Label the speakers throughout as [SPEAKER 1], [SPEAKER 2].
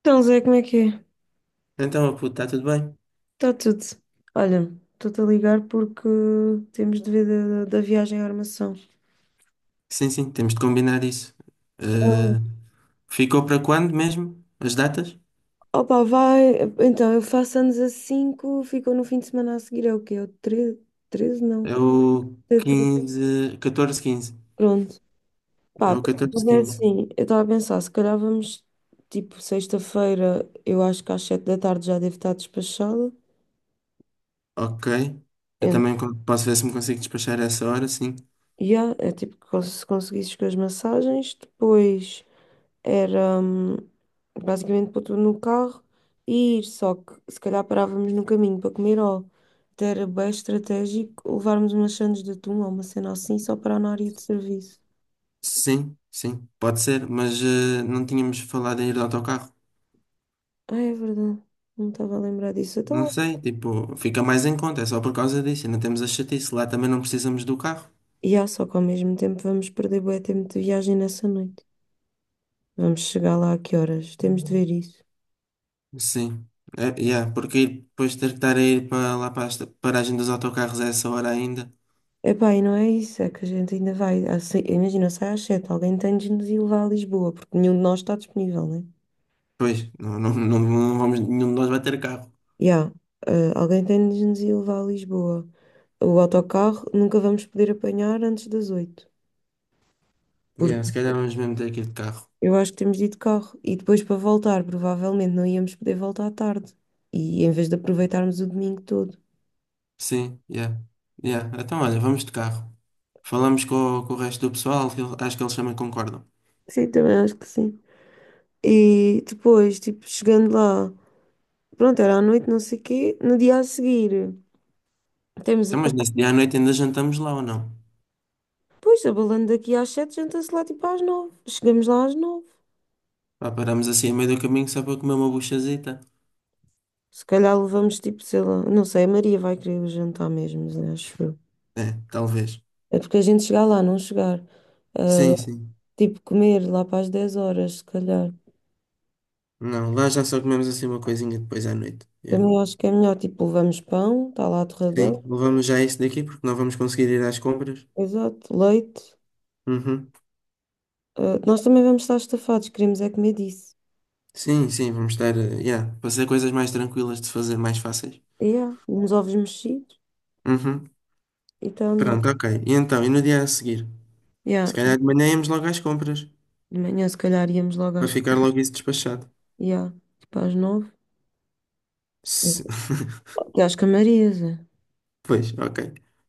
[SPEAKER 1] Então, Zé, como é que é?
[SPEAKER 2] Então, oh, puto, está tudo bem?
[SPEAKER 1] Está tudo. Olha, estou-te a ligar porque temos de ver da viagem à armação.
[SPEAKER 2] Sim, sim, temos de combinar isso. Eh, Ficou para quando mesmo? As datas?
[SPEAKER 1] Opa, vai. Então, eu faço anos a 5. Ficou no fim de semana a seguir, é o quê? É o 13? 13? Não,
[SPEAKER 2] É o
[SPEAKER 1] é 13.
[SPEAKER 2] 15, 14, 15.
[SPEAKER 1] Pronto.
[SPEAKER 2] É
[SPEAKER 1] Pá,
[SPEAKER 2] o 14,
[SPEAKER 1] é
[SPEAKER 2] 15.
[SPEAKER 1] assim, eu estava a pensar, se calhar vamos, tipo, sexta-feira, eu acho que às 7 da tarde já devo estar despachada.
[SPEAKER 2] Ok. Eu
[SPEAKER 1] Eu
[SPEAKER 2] também posso ver se me consigo despachar a essa hora, sim.
[SPEAKER 1] Yeah, é tipo que se conseguisses com as massagens, depois era basicamente pôr tudo no carro e ir, só que se calhar parávamos no caminho para comer ou até era bem estratégico levarmos umas sandes de atum ou uma cena assim só para na área de serviço.
[SPEAKER 2] Sim, sim, pode ser, mas não tínhamos falado em ir de autocarro.
[SPEAKER 1] Ah, é verdade, não estava a lembrar disso.
[SPEAKER 2] Não
[SPEAKER 1] Então,
[SPEAKER 2] sei, tipo, fica mais em conta, é só por causa disso. Ainda temos a chatice, lá também não precisamos do carro.
[SPEAKER 1] yeah, só que ao mesmo tempo vamos perder bué tempo de viagem nessa noite. Vamos chegar lá a que horas? Temos de ver isso.
[SPEAKER 2] Sim, é, yeah, porque depois ter que estar a ir para lá para a paragem dos autocarros a essa hora ainda.
[SPEAKER 1] Epá, e não é isso, é que a gente ainda vai. Imagina, sai às 7, alguém tem de nos ir levar a Lisboa, porque nenhum de nós está disponível, né?
[SPEAKER 2] Pois, não, não, não, não vamos, nenhum de nós vai ter carro.
[SPEAKER 1] Já, alguém tem de nos ir levar a Lisboa. O autocarro nunca vamos poder apanhar antes das 8, porque
[SPEAKER 2] Yeah, se calhar vamos mesmo ter que ir de carro.
[SPEAKER 1] eu acho que temos de ir de carro. E depois para voltar, provavelmente não íamos poder voltar à tarde. E em vez de aproveitarmos o domingo todo.
[SPEAKER 2] Sim, yeah. Yeah. Então olha, vamos de carro. Falamos com o resto do pessoal, que acho que eles também concordam.
[SPEAKER 1] Sim, também acho que sim. E depois, tipo, chegando lá, pronto, era à noite, não sei o quê, no dia a seguir. Temos
[SPEAKER 2] Então, mas nesse dia à noite ainda jantamos lá ou não?
[SPEAKER 1] Pois, abalando daqui às 7, janta-se lá tipo às 9. Chegamos lá às 9.
[SPEAKER 2] Pá, paramos assim a meio do caminho só para comer uma buchazita?
[SPEAKER 1] Se calhar levamos tipo, sei lá, não sei, a Maria vai querer o jantar mesmo, né, acho eu.
[SPEAKER 2] É, talvez.
[SPEAKER 1] É porque a gente chegar lá, não chegar. Ah,
[SPEAKER 2] Sim, sim.
[SPEAKER 1] tipo, comer lá para as 10 horas, se calhar.
[SPEAKER 2] Não, lá já só comemos assim uma coisinha depois à noite. Yeah.
[SPEAKER 1] Também acho que é melhor, tipo, levamos pão, está lá a torradeira,
[SPEAKER 2] Sim, levamos já isso daqui porque não vamos conseguir ir às compras.
[SPEAKER 1] exato, leite.
[SPEAKER 2] Uhum.
[SPEAKER 1] Ah, nós também vamos estar estafados, queremos é comer disso.
[SPEAKER 2] Sim, sim, vamos estar, yeah, para ser coisas mais tranquilas de fazer, mais fáceis.
[SPEAKER 1] Yeah, uns ovos mexidos
[SPEAKER 2] Uhum.
[SPEAKER 1] e está a andar.
[SPEAKER 2] Pronto, ok. E então, e no dia a seguir?
[SPEAKER 1] Yeah,
[SPEAKER 2] Se calhar de manhã íamos logo às compras,
[SPEAKER 1] de manhã se calhar íamos logo
[SPEAKER 2] para
[SPEAKER 1] às,
[SPEAKER 2] ficar logo isso despachado.
[SPEAKER 1] yeah, tipo às 9.
[SPEAKER 2] Se-
[SPEAKER 1] E às Camarias, é.
[SPEAKER 2] Pois, ok.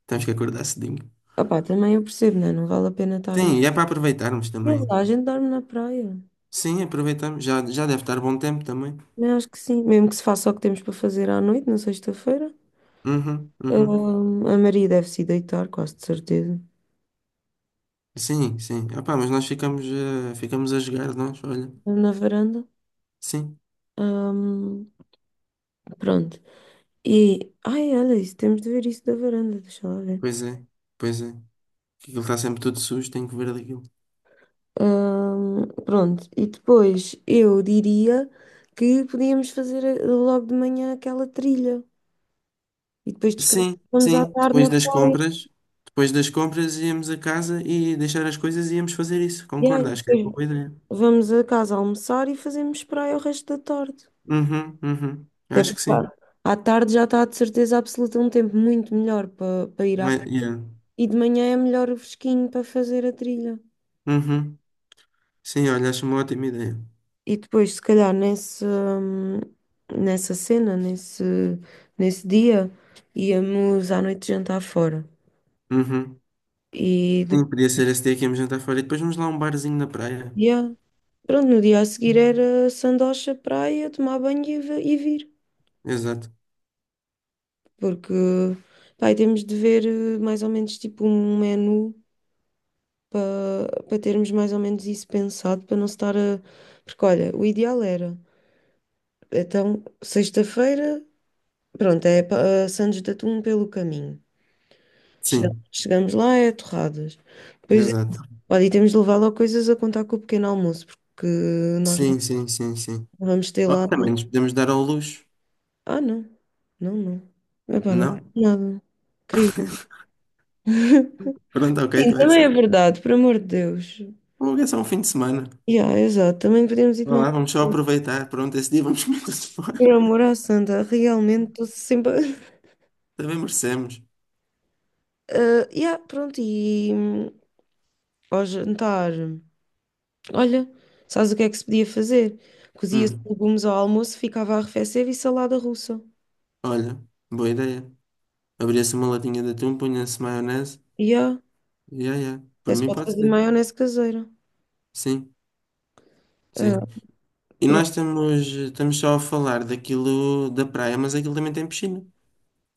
[SPEAKER 2] Temos que acordar cedinho.
[SPEAKER 1] Opá, também eu percebo, né? Não vale a pena
[SPEAKER 2] Sim,
[SPEAKER 1] estar-me.
[SPEAKER 2] e é para aproveitarmos
[SPEAKER 1] Não.
[SPEAKER 2] também.
[SPEAKER 1] A gente dorme na praia.
[SPEAKER 2] Sim, aproveitamos. Já, já deve estar bom tempo também.
[SPEAKER 1] Mas acho que sim, mesmo que se faça o que temos para fazer à noite, na sexta-feira.
[SPEAKER 2] Uhum, uhum.
[SPEAKER 1] A Maria deve se ir deitar, quase de certeza,
[SPEAKER 2] Sim, sim. Ah, pá, mas nós ficamos a jogar, nós, olha.
[SPEAKER 1] na varanda.
[SPEAKER 2] Sim,
[SPEAKER 1] Ahm, pronto. E, ai, olha isso, temos de ver isso da varanda, deixa lá ver.
[SPEAKER 2] pois é, pois é. Que aquilo está sempre tudo sujo, tenho que ver daquilo.
[SPEAKER 1] Pronto, e depois eu diria que podíamos fazer logo de manhã aquela trilha e depois
[SPEAKER 2] Sim,
[SPEAKER 1] descansamos à
[SPEAKER 2] sim.
[SPEAKER 1] tarde na
[SPEAKER 2] Depois das
[SPEAKER 1] praia.
[SPEAKER 2] compras, depois das compras íamos a casa e deixar as coisas e íamos fazer isso.
[SPEAKER 1] Yeah, e
[SPEAKER 2] Concordo, acho que é uma
[SPEAKER 1] depois
[SPEAKER 2] boa ideia.
[SPEAKER 1] vamos a casa almoçar e fazemos praia o resto da tarde.
[SPEAKER 2] Uhum, uhum.
[SPEAKER 1] Até
[SPEAKER 2] Acho
[SPEAKER 1] porque
[SPEAKER 2] que sim.
[SPEAKER 1] pá, à tarde já está de certeza absoluta um tempo muito melhor para ir à
[SPEAKER 2] Mas,
[SPEAKER 1] praia.
[SPEAKER 2] yeah.
[SPEAKER 1] E de manhã é melhor o fresquinho para fazer a trilha.
[SPEAKER 2] Uhum. Sim, olha, acho uma ótima ideia.
[SPEAKER 1] E depois, se calhar, nesse, nessa cena, nesse, nesse dia, íamos à noite jantar fora.
[SPEAKER 2] Uhum.
[SPEAKER 1] E
[SPEAKER 2] Sim,
[SPEAKER 1] depois,
[SPEAKER 2] podia ser esse dia que íamos jantar fora e depois vamos lá a um barzinho na praia.
[SPEAKER 1] yeah, pronto, no dia a seguir era sandocha, praia, tomar banho e, e vir.
[SPEAKER 2] Exato.
[SPEAKER 1] Porque, pá, e temos de ver mais ou menos tipo um menu para termos mais ou menos isso pensado, para não se estar a. Porque olha, o ideal era. Então, sexta-feira, pronto, é a Santos de Atum pelo caminho. Chegamos,
[SPEAKER 2] Sim,
[SPEAKER 1] chegamos lá, é torradas. Depois,
[SPEAKER 2] exato.
[SPEAKER 1] olha, e temos de levar lá coisas a contar com o pequeno almoço, porque nós não
[SPEAKER 2] Sim, sim, sim, sim.
[SPEAKER 1] vamos ter
[SPEAKER 2] Oh,
[SPEAKER 1] lá.
[SPEAKER 2] também nos podemos dar ao luxo,
[SPEAKER 1] Ah, não, não, não. Epá, não,
[SPEAKER 2] não?
[SPEAKER 1] nada. Querido.
[SPEAKER 2] Pronto, ok,
[SPEAKER 1] Sim,
[SPEAKER 2] tu é que
[SPEAKER 1] também é
[SPEAKER 2] sabe.
[SPEAKER 1] verdade, por amor de Deus.
[SPEAKER 2] Ou é só um fim de semana.
[SPEAKER 1] Yeah, exato, também podemos ir
[SPEAKER 2] Vá
[SPEAKER 1] tomar.
[SPEAKER 2] lá, vamos só
[SPEAKER 1] Um.
[SPEAKER 2] aproveitar. Pronto, esse dia vamos comer-se fora.
[SPEAKER 1] Por amor à santa, realmente estou sempre.
[SPEAKER 2] Também merecemos.
[SPEAKER 1] Ah, yeah, pronto, e ao jantar, olha, sabes o que é que se podia fazer? Cozia-se
[SPEAKER 2] Hum,
[SPEAKER 1] legumes ao almoço, ficava a arrefecer e salada russa.
[SPEAKER 2] olha, boa ideia. Abria-se uma latinha de atum, punha-se maionese.
[SPEAKER 1] Yeah,
[SPEAKER 2] Ya, ya. Por
[SPEAKER 1] até se
[SPEAKER 2] mim
[SPEAKER 1] pode
[SPEAKER 2] pode
[SPEAKER 1] fazer
[SPEAKER 2] ser.
[SPEAKER 1] maionese caseira.
[SPEAKER 2] Sim,
[SPEAKER 1] Ah,
[SPEAKER 2] sim. E
[SPEAKER 1] pronto.
[SPEAKER 2] nós estamos só a falar daquilo da praia, mas aquilo também tem piscina.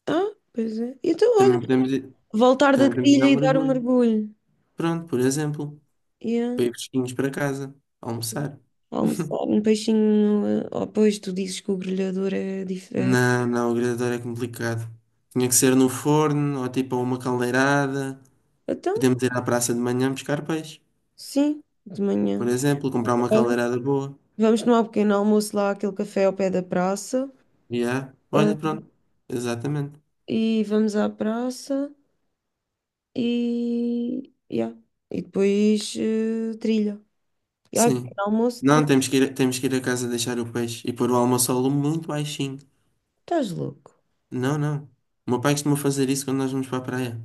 [SPEAKER 1] Ah, pois é. Então, olha,
[SPEAKER 2] Também podemos ir,
[SPEAKER 1] voltar da
[SPEAKER 2] também podemos ir dar
[SPEAKER 1] trilha
[SPEAKER 2] um
[SPEAKER 1] e dar um
[SPEAKER 2] mergulho.
[SPEAKER 1] mergulho.
[SPEAKER 2] Pronto, por exemplo,
[SPEAKER 1] Yeah.
[SPEAKER 2] para ir fresquinhos para casa, almoçar.
[SPEAKER 1] Almoçar um peixinho. Oh, pois tu dizes que o grelhador é diferente.
[SPEAKER 2] Não, não, o grelhador é complicado. Tinha que ser no forno ou tipo a uma caldeirada.
[SPEAKER 1] Então,
[SPEAKER 2] Podemos ir à praça de manhã buscar peixe.
[SPEAKER 1] sim, de
[SPEAKER 2] Por
[SPEAKER 1] manhã.
[SPEAKER 2] exemplo, comprar uma caldeirada boa.
[SPEAKER 1] Vamos tomar um pequeno almoço lá àquele café ao pé da praça.
[SPEAKER 2] Yeah.
[SPEAKER 1] ah,
[SPEAKER 2] Olha, pronto. Exatamente.
[SPEAKER 1] e vamos à praça e. Yeah. E depois trilha. E ai,
[SPEAKER 2] Sim.
[SPEAKER 1] pequeno almoço,
[SPEAKER 2] Não,
[SPEAKER 1] trilha.
[SPEAKER 2] temos que ir a casa deixar o peixe e pôr o almoço ao lume muito baixinho.
[SPEAKER 1] Estás louco?
[SPEAKER 2] Não, não. O meu pai costuma fazer isso quando nós vamos para a praia.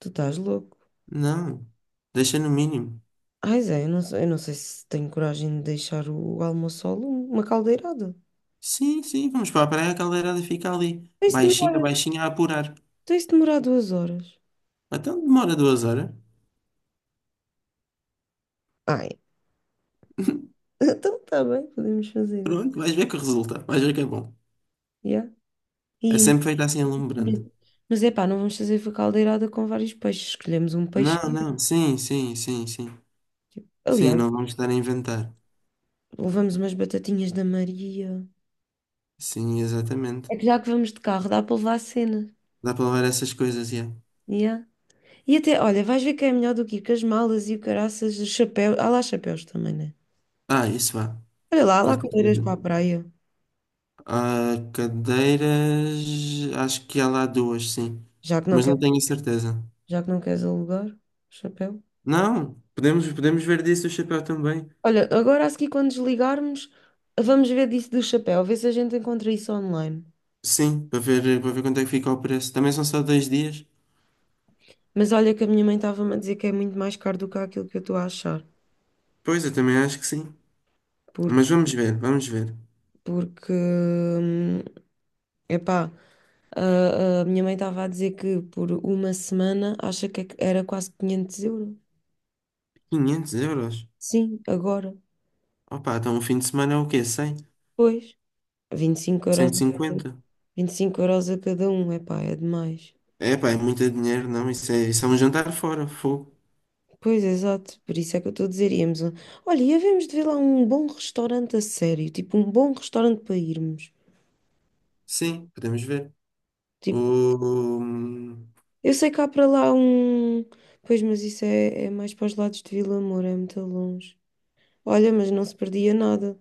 [SPEAKER 1] Tu estás louco?
[SPEAKER 2] Não. Deixa no mínimo.
[SPEAKER 1] Ai, Zé, eu não sei se tenho coragem de deixar o almoço ao lume, uma caldeirada.
[SPEAKER 2] Sim, sim, vamos para a praia, a caldeirada fica ali.
[SPEAKER 1] Tem se
[SPEAKER 2] Baixinha,
[SPEAKER 1] demorar,
[SPEAKER 2] baixinha a apurar.
[SPEAKER 1] tem se demorar 2 horas.
[SPEAKER 2] Então demora 2 horas.
[SPEAKER 1] Ai, então está bem, podemos fazer isso.
[SPEAKER 2] Pronto, vais ver que resulta. Vais ver que é bom.
[SPEAKER 1] Yeah.
[SPEAKER 2] É
[SPEAKER 1] E uma-
[SPEAKER 2] sempre feito assim alumbrando.
[SPEAKER 1] Mas é pá, não vamos fazer a caldeirada com vários peixes. Escolhemos um peixe.
[SPEAKER 2] Não, não. Sim, sim, sim, sim.
[SPEAKER 1] Tipo,
[SPEAKER 2] Sim,
[SPEAKER 1] aliás,
[SPEAKER 2] não vamos estar a inventar.
[SPEAKER 1] levamos umas batatinhas da Maria.
[SPEAKER 2] Sim, exatamente.
[SPEAKER 1] É que já que vamos de carro, dá para levar a cena.
[SPEAKER 2] Dá para levar essas coisas, yeah.
[SPEAKER 1] Yeah. E até, olha, vais ver que é melhor do que ir com as malas e o caraças, os chapéus. Há lá chapéus também, né?
[SPEAKER 2] Ah, isso vá,
[SPEAKER 1] Olha lá, há
[SPEAKER 2] com
[SPEAKER 1] lá cadeiras para
[SPEAKER 2] certeza.
[SPEAKER 1] a praia.
[SPEAKER 2] Ah, cadeiras, acho que há lá duas, sim.
[SPEAKER 1] Já que não
[SPEAKER 2] Mas não
[SPEAKER 1] quer,
[SPEAKER 2] tenho a certeza.
[SPEAKER 1] Já que não queres alugar, chapéu.
[SPEAKER 2] Não, podemos ver disso o chapéu também.
[SPEAKER 1] Olha, agora a seguir, quando desligarmos, vamos ver disso do chapéu, ver se a gente encontra isso online.
[SPEAKER 2] Sim, para ver quanto é que fica o preço. Também são só 2 dias.
[SPEAKER 1] Mas olha que a minha mãe estava-me a dizer que é muito mais caro do que aquilo que eu estou a achar.
[SPEAKER 2] Pois, eu também acho que sim.
[SPEAKER 1] Por,
[SPEAKER 2] Mas vamos ver, vamos ver.
[SPEAKER 1] porque. Epá, a minha mãe estava a dizer que por uma semana acha que era quase 500 euros.
[SPEAKER 2] Quinhentos euros?
[SPEAKER 1] Sim, agora.
[SPEAKER 2] Opa, então um fim de semana é o quê? 100?
[SPEAKER 1] Pois, 25 euros a cada,
[SPEAKER 2] 150?
[SPEAKER 1] 25 euros a cada um, epá, é demais.
[SPEAKER 2] É pá, é muito dinheiro, não. Isso é um jantar fora, fogo.
[SPEAKER 1] Pois, exato, por isso é que eu estou a dizer, íamos a... Olha, e havemos de ver lá um bom restaurante a sério, tipo um bom restaurante para irmos.
[SPEAKER 2] Sim, podemos ver.
[SPEAKER 1] Tipo,
[SPEAKER 2] O, hum,
[SPEAKER 1] eu sei que há para lá um... Pois, mas isso é mais para os lados de Vila Moura, é muito longe. Olha, mas não se perdia nada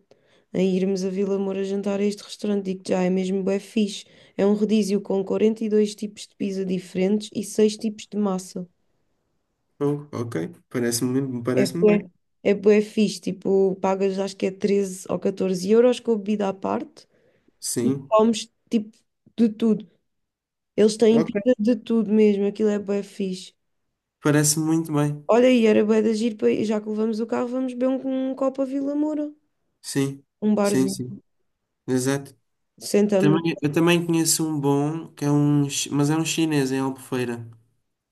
[SPEAKER 1] em irmos a Vila Moura jantar a este restaurante. Digo já, é mesmo bué fixe. É um rodízio com 42 tipos de pizza diferentes e 6 tipos de massa.
[SPEAKER 2] oh, ok, parece-me
[SPEAKER 1] É
[SPEAKER 2] parece-me
[SPEAKER 1] bué,
[SPEAKER 2] bem.
[SPEAKER 1] é bué fixe. Tipo, pagas acho que é 13 ou 14 euros com a bebida à parte e
[SPEAKER 2] Sim,
[SPEAKER 1] comes tipo de tudo. Eles têm
[SPEAKER 2] ok.
[SPEAKER 1] pizza de tudo mesmo. Aquilo é bué fixe.
[SPEAKER 2] Parece muito bem.
[SPEAKER 1] Olha, e era bué de agir, já que levamos o carro, vamos beber um copo a Vila Moura.
[SPEAKER 2] Sim,
[SPEAKER 1] Um
[SPEAKER 2] sim,
[SPEAKER 1] barzinho.
[SPEAKER 2] sim. Exato.
[SPEAKER 1] Sentamos.
[SPEAKER 2] Também, eu também conheço um bom, que é um, mas é um chinês em Albufeira,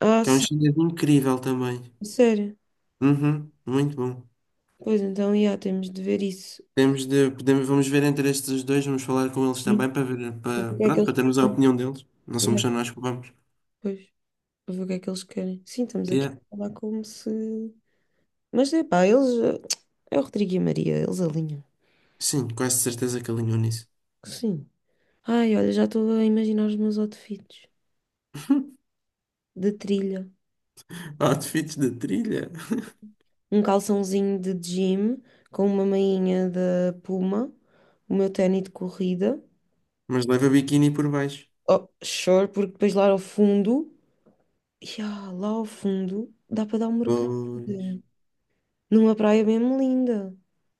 [SPEAKER 1] Ah,
[SPEAKER 2] que é um
[SPEAKER 1] sim,
[SPEAKER 2] chinês incrível também.
[SPEAKER 1] sério.
[SPEAKER 2] Uhum, muito bom.
[SPEAKER 1] Pois então, já, temos de ver isso.
[SPEAKER 2] Temos de, podemos, vamos ver entre estes dois, vamos falar com eles
[SPEAKER 1] Sim.
[SPEAKER 2] também para ver,
[SPEAKER 1] Para
[SPEAKER 2] para,
[SPEAKER 1] ver o que é que
[SPEAKER 2] pronto,
[SPEAKER 1] eles
[SPEAKER 2] para termos a
[SPEAKER 1] querem.
[SPEAKER 2] opinião deles. Não somos
[SPEAKER 1] Ya,
[SPEAKER 2] só nós que vamos.
[SPEAKER 1] pois, para ver o que é que eles querem. Sim, estamos aqui
[SPEAKER 2] Yeah.
[SPEAKER 1] a falar como se. Mas é pá, eles. É o Rodrigo e a Maria, eles alinham.
[SPEAKER 2] Sim, quase certeza que alinhou nisso.
[SPEAKER 1] Sim. Ai, olha, já estou a imaginar os meus outfits de trilha.
[SPEAKER 2] Outfits da trilha.
[SPEAKER 1] Um calçãozinho de gym com uma mainha da Puma, o meu ténis de corrida.
[SPEAKER 2] Mas leva biquíni por baixo.
[SPEAKER 1] Oh, sure, porque depois lá ao fundo. Ya, lá ao fundo dá para dar um mergulho
[SPEAKER 2] Pois,
[SPEAKER 1] numa praia mesmo linda.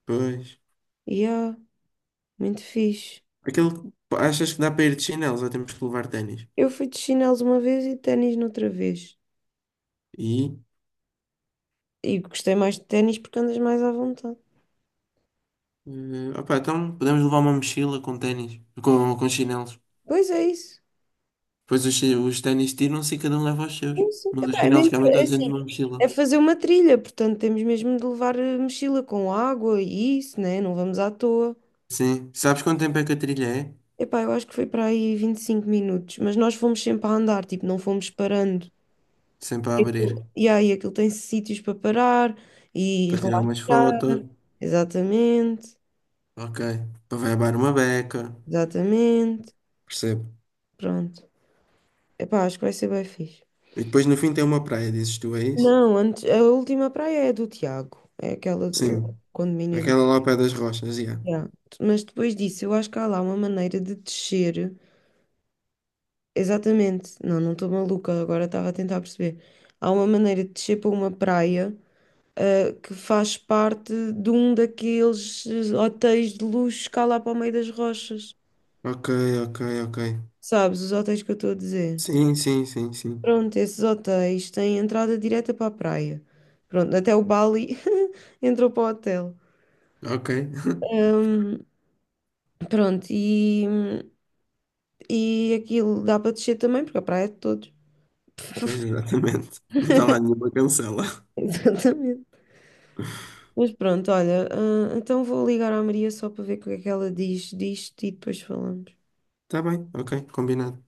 [SPEAKER 2] pois.
[SPEAKER 1] Yeah, muito fixe.
[SPEAKER 2] Aquele, que- Achas que dá para ir de chinelos ou temos que levar ténis?
[SPEAKER 1] Eu fui de chinelos uma vez e de ténis noutra vez.
[SPEAKER 2] E,
[SPEAKER 1] E gostei mais de ténis porque andas mais à vontade.
[SPEAKER 2] Opá, então podemos levar uma mochila com ténis, com chinelos.
[SPEAKER 1] Pois é isso.
[SPEAKER 2] Depois os ténis tiram-se e cada um leva os seus.
[SPEAKER 1] Sim, sim.
[SPEAKER 2] Mas os
[SPEAKER 1] Epá, é
[SPEAKER 2] chinelos
[SPEAKER 1] mesmo,
[SPEAKER 2] cabem
[SPEAKER 1] é
[SPEAKER 2] todos dentro
[SPEAKER 1] assim,
[SPEAKER 2] de uma mochila.
[SPEAKER 1] é fazer uma trilha, portanto temos mesmo de levar mochila com água e isso, né? Não vamos à toa.
[SPEAKER 2] Sim. Sabes quanto tempo é que a trilha é?
[SPEAKER 1] Epá, eu acho que foi para aí 25 minutos, mas nós fomos sempre a andar, tipo, não fomos parando.
[SPEAKER 2] Sempre a
[SPEAKER 1] E
[SPEAKER 2] abrir.
[SPEAKER 1] aquilo, yeah, e aí, aquilo tem sítios para parar e
[SPEAKER 2] Para tirar umas fotos.
[SPEAKER 1] relaxar. Exatamente,
[SPEAKER 2] Ok. Para levar uma beca.
[SPEAKER 1] exatamente.
[SPEAKER 2] Percebo.
[SPEAKER 1] Pronto. Epá, acho que vai ser bem fixe.
[SPEAKER 2] E depois no fim tem uma praia, dizes tu, é isso?
[SPEAKER 1] Não, antes, a última praia é do Tiago. É aquela do
[SPEAKER 2] Sim.
[SPEAKER 1] condomínio
[SPEAKER 2] Aquela
[SPEAKER 1] dele.
[SPEAKER 2] lá ao pé das rochas, já.
[SPEAKER 1] Yeah. Mas depois disso, eu acho que há lá uma maneira de descer. Exatamente. Não, não estou maluca, agora estava a tentar perceber. Há uma maneira de descer para uma praia, ah, que faz parte de um daqueles hotéis de luxo cá lá para o meio das rochas.
[SPEAKER 2] Ok, ok, ok.
[SPEAKER 1] Sabes, os hotéis que eu estou a dizer.
[SPEAKER 2] Sim, sim, sim, sim.
[SPEAKER 1] Pronto, esses hotéis têm entrada direta para a praia. Pronto, até o Bali entrou para o hotel.
[SPEAKER 2] Ok.
[SPEAKER 1] Ahm, pronto, e, aquilo dá para descer também, porque a praia é de todos.
[SPEAKER 2] Pois exatamente. Não está lá nenhuma cancela.
[SPEAKER 1] Exatamente. Mas pronto, olha, ah, então vou ligar à Maria só para ver o que é que ela diz disto e depois falamos.
[SPEAKER 2] Tá bem, ok, combinado.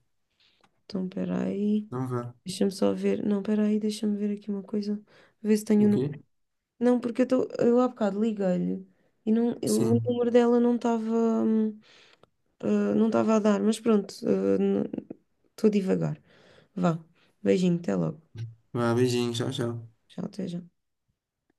[SPEAKER 1] Então, espera aí,
[SPEAKER 2] Então vá.
[SPEAKER 1] deixa-me só ver. Não, espera aí, deixa-me ver aqui uma coisa, ver se tenho o número.
[SPEAKER 2] Ok?
[SPEAKER 1] Não, porque eu, eu há bocado liguei-lhe e não, o
[SPEAKER 2] Sim.
[SPEAKER 1] número dela não estava. hum, Ah, não estava a dar, mas pronto, estou a divagar. Vá, beijinho, até logo.
[SPEAKER 2] Vá, beijinho, tchau, tchau.
[SPEAKER 1] Tchau, até já.